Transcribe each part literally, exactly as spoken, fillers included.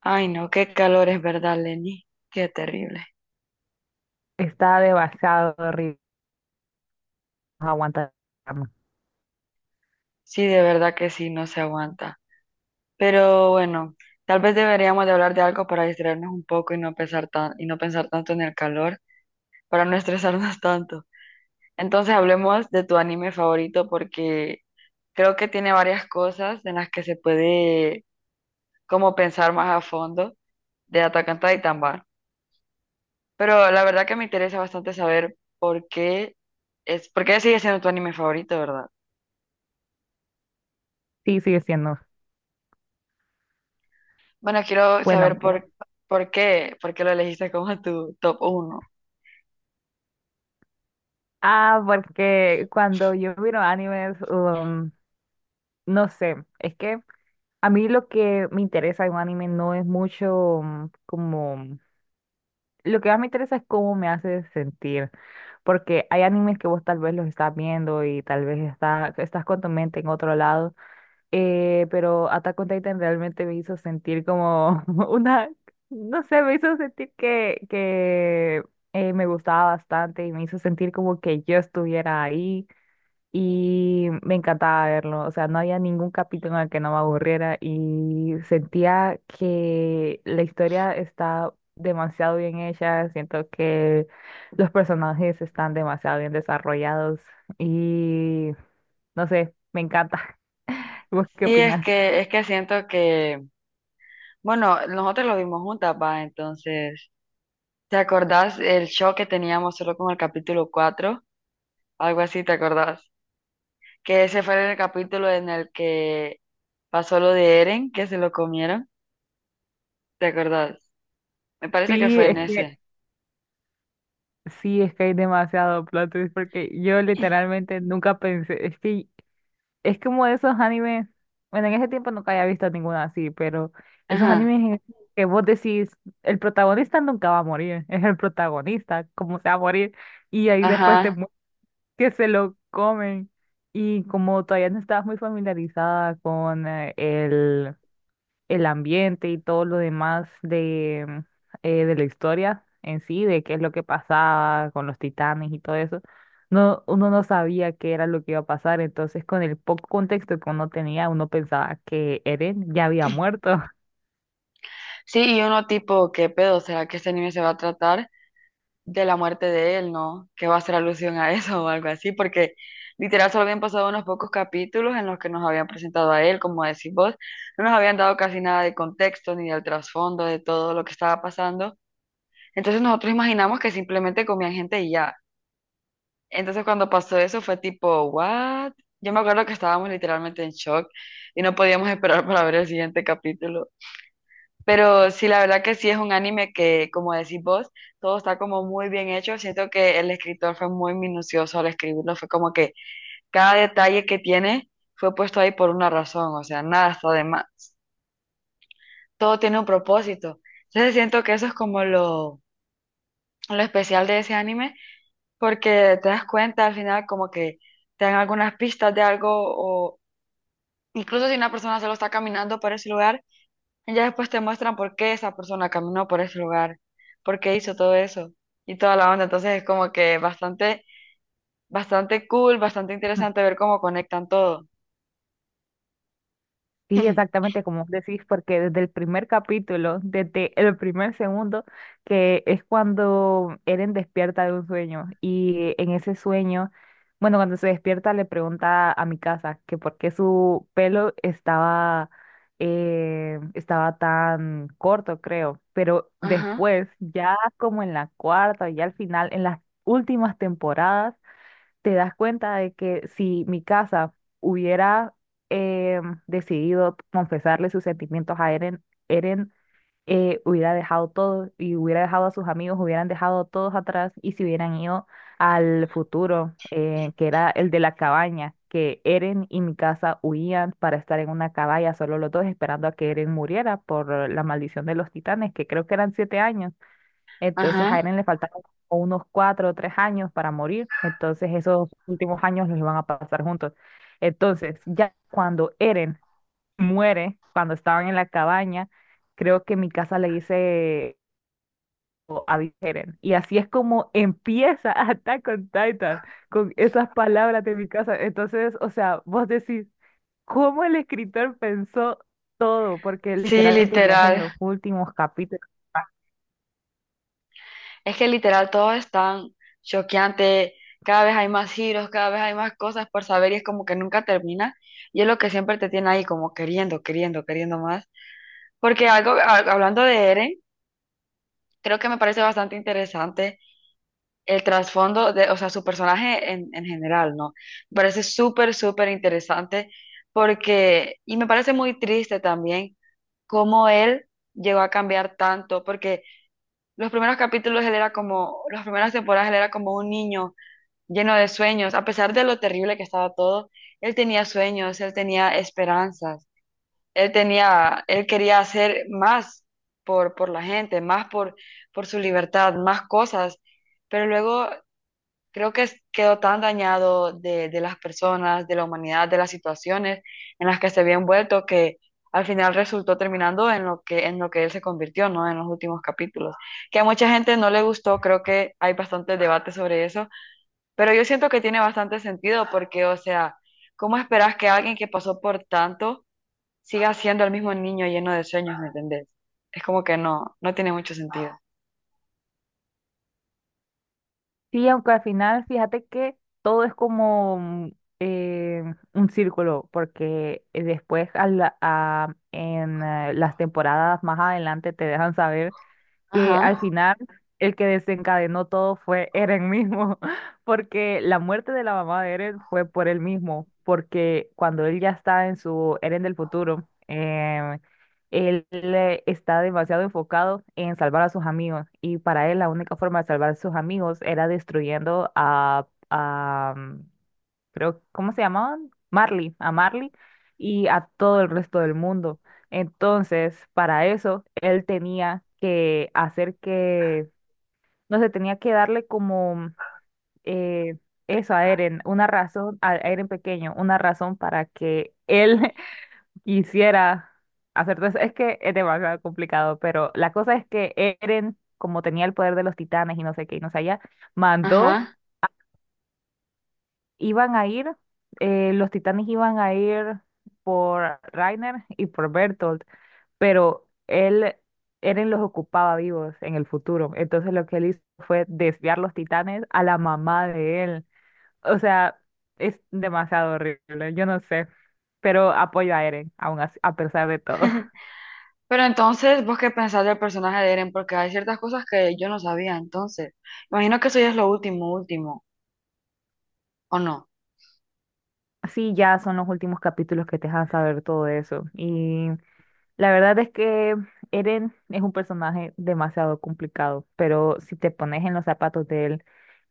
Ay, no, qué calor, es verdad, Lenny. Qué terrible. Está demasiado horrible. No aguanta la trama. Sí, de verdad que sí, no se aguanta. Pero bueno, tal vez deberíamos de hablar de algo para distraernos un poco y no pensar tan, y no pensar tanto en el calor, para no estresarnos tanto. Entonces hablemos de tu anime favorito porque creo que tiene varias cosas en las que se puede como pensar más a fondo de Attack on Titan, va. Pero la verdad que me interesa bastante saber por qué es, por qué sigue siendo tu anime favorito, ¿verdad? Sí, sigue siendo. Bueno, quiero saber Bueno, por, por qué, por qué lo elegiste como tu top uno. ah, porque cuando yo miro animes, um, no sé, es que a mí lo que me interesa en un anime no es mucho um, como... Lo que más me interesa es cómo me hace sentir, porque hay animes que vos tal vez los estás viendo y tal vez está, estás con tu mente en otro lado. Eh, pero Attack on Titan realmente me hizo sentir como una, no sé, me hizo sentir que, que eh, me gustaba bastante y me hizo sentir como que yo estuviera ahí y me encantaba verlo. O sea, no había ningún capítulo en el que no me aburriera y sentía que la historia está demasiado bien hecha, siento que los personajes están demasiado bien desarrollados y no sé, me encanta. ¿Vos qué Sí, es opinas? que, es que siento que, bueno, nosotros lo vimos juntas, va, entonces, ¿te acordás el show que teníamos solo con el capítulo cuatro? Algo así, ¿te acordás? Que ese fue el capítulo en el que pasó lo de Eren, que se lo comieron, ¿te acordás? Me parece que Sí, fue en es que ese. sí, es que hay demasiado plot twist porque yo literalmente nunca pensé, es que es como esos animes, bueno, en ese tiempo nunca había visto ninguna así, pero esos Ajá, animes en que vos decís, el protagonista nunca va a morir, es el protagonista, ¿cómo se va a morir? Y ahí después te ajá. muestran que se lo comen, y como todavía no estabas muy familiarizada con eh, el el ambiente y todo lo demás de, eh, de la historia en sí, de qué es lo que pasaba con los titanes y todo eso, no, uno no sabía qué era lo que iba a pasar, entonces con el poco contexto que uno tenía, uno pensaba que Eren ya había muerto. Sí, y uno tipo, ¿qué pedo? ¿Será que este anime se va a tratar de la muerte de él, ¿no? Que va a hacer alusión a eso o algo así, porque literal solo habían pasado unos pocos capítulos en los que nos habían presentado a él, como decís vos, no nos habían dado casi nada de contexto ni del trasfondo de todo lo que estaba pasando. Entonces nosotros imaginamos que simplemente comían gente y ya. Entonces cuando pasó eso fue tipo, ¿what? Yo me acuerdo que estábamos literalmente en shock y no podíamos esperar para ver el siguiente capítulo. Pero sí, la verdad que sí, es un anime que, como decís vos, todo está como muy bien hecho. Siento que el escritor fue muy minucioso al escribirlo. Fue como que cada detalle que tiene fue puesto ahí por una razón. O sea, nada está de más. Todo tiene un propósito. Entonces siento que eso es como lo, lo especial de ese anime, porque te das cuenta al final como que te dan algunas pistas de algo o incluso si una persona solo está caminando por ese lugar. Ya después te muestran por qué esa persona caminó por ese lugar, por qué hizo todo eso y toda la onda. Entonces es como que bastante, bastante cool, bastante interesante ver cómo conectan todo. Sí, exactamente como vos decís, porque desde el primer capítulo, desde el primer segundo, que es cuando Eren despierta de un sueño y en ese sueño, bueno, cuando se despierta le pregunta a mi casa que por qué su pelo estaba, eh, estaba tan corto, creo, pero Ajá, después, ya como en la cuarta, ya al final, en las últimas temporadas, te das cuenta de que si mi casa hubiera eh, decidido confesarle sus sentimientos a Eren, Eren eh, hubiera dejado todo y hubiera dejado a sus amigos, hubieran dejado a todos atrás y se hubieran ido al futuro, eh, que era el de la cabaña, que Eren y mi casa huían para estar en una cabaña, solo los dos esperando a que Eren muriera por la maldición de los titanes, que creo que eran siete años. Entonces a ajá. Eren le faltaron como unos cuatro o tres años para morir. Entonces esos últimos años los iban a pasar juntos. Entonces ya cuando Eren muere, cuando estaban en la cabaña, creo que Mikasa le dice o a Eren. Y así es como empieza Attack on Titan, con esas palabras de Mikasa. Entonces, o sea, vos decís, ¿cómo el escritor pensó todo? Porque Sí, literalmente ya es en literal. los últimos capítulos. Es que literal todo es tan choqueante. Cada vez hay más giros, cada vez hay más cosas por saber y es como que nunca termina. Y es lo que siempre te tiene ahí como queriendo, queriendo, queriendo más. Porque algo, a- hablando de Eren, creo que me parece bastante interesante el trasfondo de, o sea, su personaje en, en general, ¿no? Me parece súper, súper interesante porque, y me parece muy triste también cómo él llegó a cambiar tanto, porque los primeros capítulos él era como, las primeras temporadas él era como un niño lleno de sueños, a pesar de lo terrible que estaba todo, él tenía sueños, él tenía esperanzas, él tenía, él quería hacer más por, por la gente, más por, por su libertad, más cosas, pero luego creo que es- quedó tan dañado de, de las personas, de la humanidad, de las situaciones en las que se había envuelto que al final resultó terminando en lo que, en lo que él se convirtió, ¿no? En los últimos capítulos. Que a mucha gente no le gustó, creo que hay bastante debate sobre eso, pero yo siento que tiene bastante sentido porque, o sea, ¿cómo esperas que alguien que pasó por tanto siga siendo el mismo niño lleno de sueños? ¿Me entendés? Es como que no, no tiene mucho sentido. Sí, aunque al final fíjate que todo es como mm, eh, un círculo, porque eh, después a la- a- en eh, las temporadas más adelante te dejan saber que al Ajá, final el que desencadenó todo fue Eren mismo, porque la muerte de la mamá de Eren fue por él mismo, porque cuando él ya está en su Eren del futuro, em, él eh, está demasiado enfocado en salvar a sus amigos y para él la única forma de salvar a sus amigos era destruyendo a, a, creo, ¿cómo se llamaban? Marley, a Marley y a todo el resto del mundo. Entonces, para eso, él tenía que hacer que, no sé, tenía que darle como eh, eso a Eren, una razón, a Eren pequeño, una razón para que él quisiera hacer todo eso. Es que es demasiado complicado, pero la cosa es que Eren, como tenía el poder de los titanes y no sé qué, y no sé allá, mandó ajá. iban a ir, eh, los titanes iban a ir por Reiner y por Bertolt, pero él, Eren los ocupaba vivos en el futuro. Entonces lo que él hizo fue desviar los titanes a la mamá de él. O sea, es demasiado horrible, yo no sé, pero apoyo a Eren, aún así, a pesar de todo. Pero entonces, ¿vos qué pensás del personaje de Eren? Porque hay ciertas cosas que yo no sabía, entonces. Imagino que eso ya es lo último, último, ¿o no? Sí, ya son los últimos capítulos que te dejan saber todo eso. Y la verdad es que Eren es un personaje demasiado complicado, pero si te pones en los zapatos de él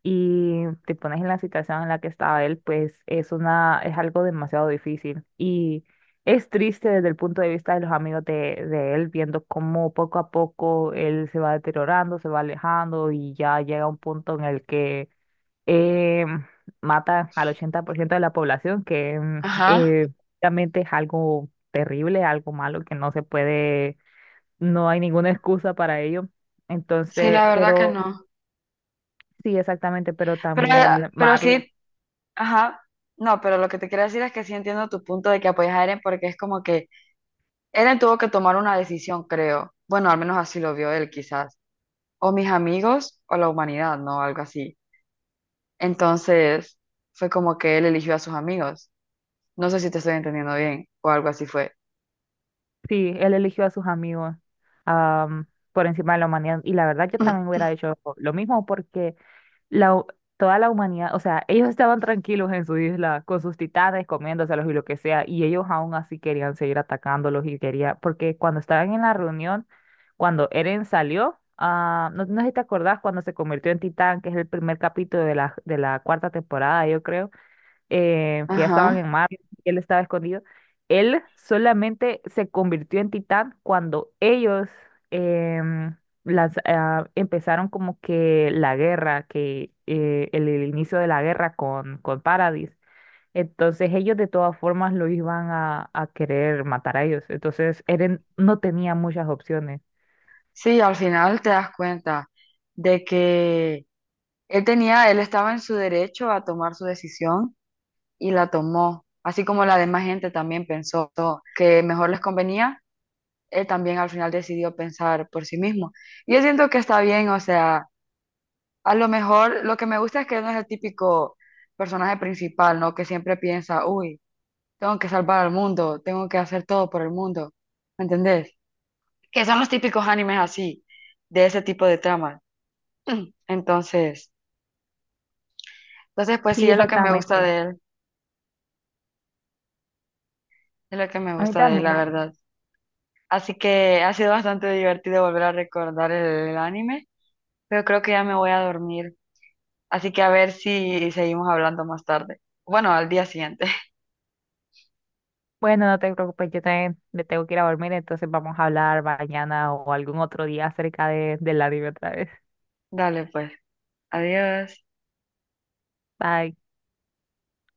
y te pones en la situación en la que estaba él, pues es una, es algo demasiado difícil. Y es triste desde el punto de vista de los amigos de, de él, viendo cómo poco a poco él se va deteriorando, se va alejando y ya llega un punto en el que eh, mata al ochenta por ciento de la población, que mm, Ajá. eh, realmente es algo terrible, algo malo, que no se puede, no hay ninguna excusa para ello. Sí, Entonces, la verdad que pero no. sí, exactamente, pero Pero, también pero Marley, sí, ajá. No, pero lo que te quiero decir es que sí entiendo tu punto de que apoyas a Eren, porque es como que Eren tuvo que tomar una decisión, creo. Bueno, al menos así lo vio él, quizás. O mis amigos o la humanidad, ¿no? Algo así. Entonces, fue como que él eligió a sus amigos. No sé si te estoy entendiendo bien o algo así fue. sí, él eligió a sus amigos am, por encima de la humanidad. Y la verdad, yo también hubiera hecho lo mismo porque la, hu- toda la humanidad, o sea, ellos estaban tranquilos en su isla con sus titanes comiéndoselos y lo que sea, y ellos aún así querían seguir atacándolos y quería, porque cuando estaban en la reunión, cuando Eren salió, ah, no, no sé si te acordás cuando se convirtió en titán, que es el primer capítulo de la, de la cuarta temporada, yo creo, eh, que ya estaban Ajá. en Marte, y él estaba escondido. Él solamente se convirtió en titán cuando ellos em, las, ah, empezaron como que la guerra, que eh, el, el inicio de la guerra con, con Paradis. Entonces ellos de todas formas lo iban a, a querer matar a ellos. Entonces Eren no tenía muchas opciones. Sí, al final te das cuenta de que él tenía, él estaba en su derecho a tomar su decisión y la tomó, así como la demás gente también pensó que mejor les convenía, él también al final decidió pensar por sí mismo. Y yo siento que está bien, o sea, a lo mejor lo que me gusta es que no es el típico personaje principal, ¿no? Que siempre piensa, uy, tengo que salvar al mundo, tengo que hacer todo por el mundo, ¿me entendés? Que son los típicos animes así, de ese tipo de tramas. Entonces, entonces pues sí, Sí, es lo que me gusta exactamente. de él, es lo que me A mí gusta de él, la también. verdad. Así que ha sido bastante divertido volver a recordar el, el anime, pero creo que ya me voy a dormir. Así que a ver si seguimos hablando más tarde. Bueno, al día siguiente. Bueno, no te preocupes, yo también me tengo que ir a dormir, entonces vamos a hablar mañana o algún otro día acerca de, del anime otra vez. Dale pues. Adiós. Bye.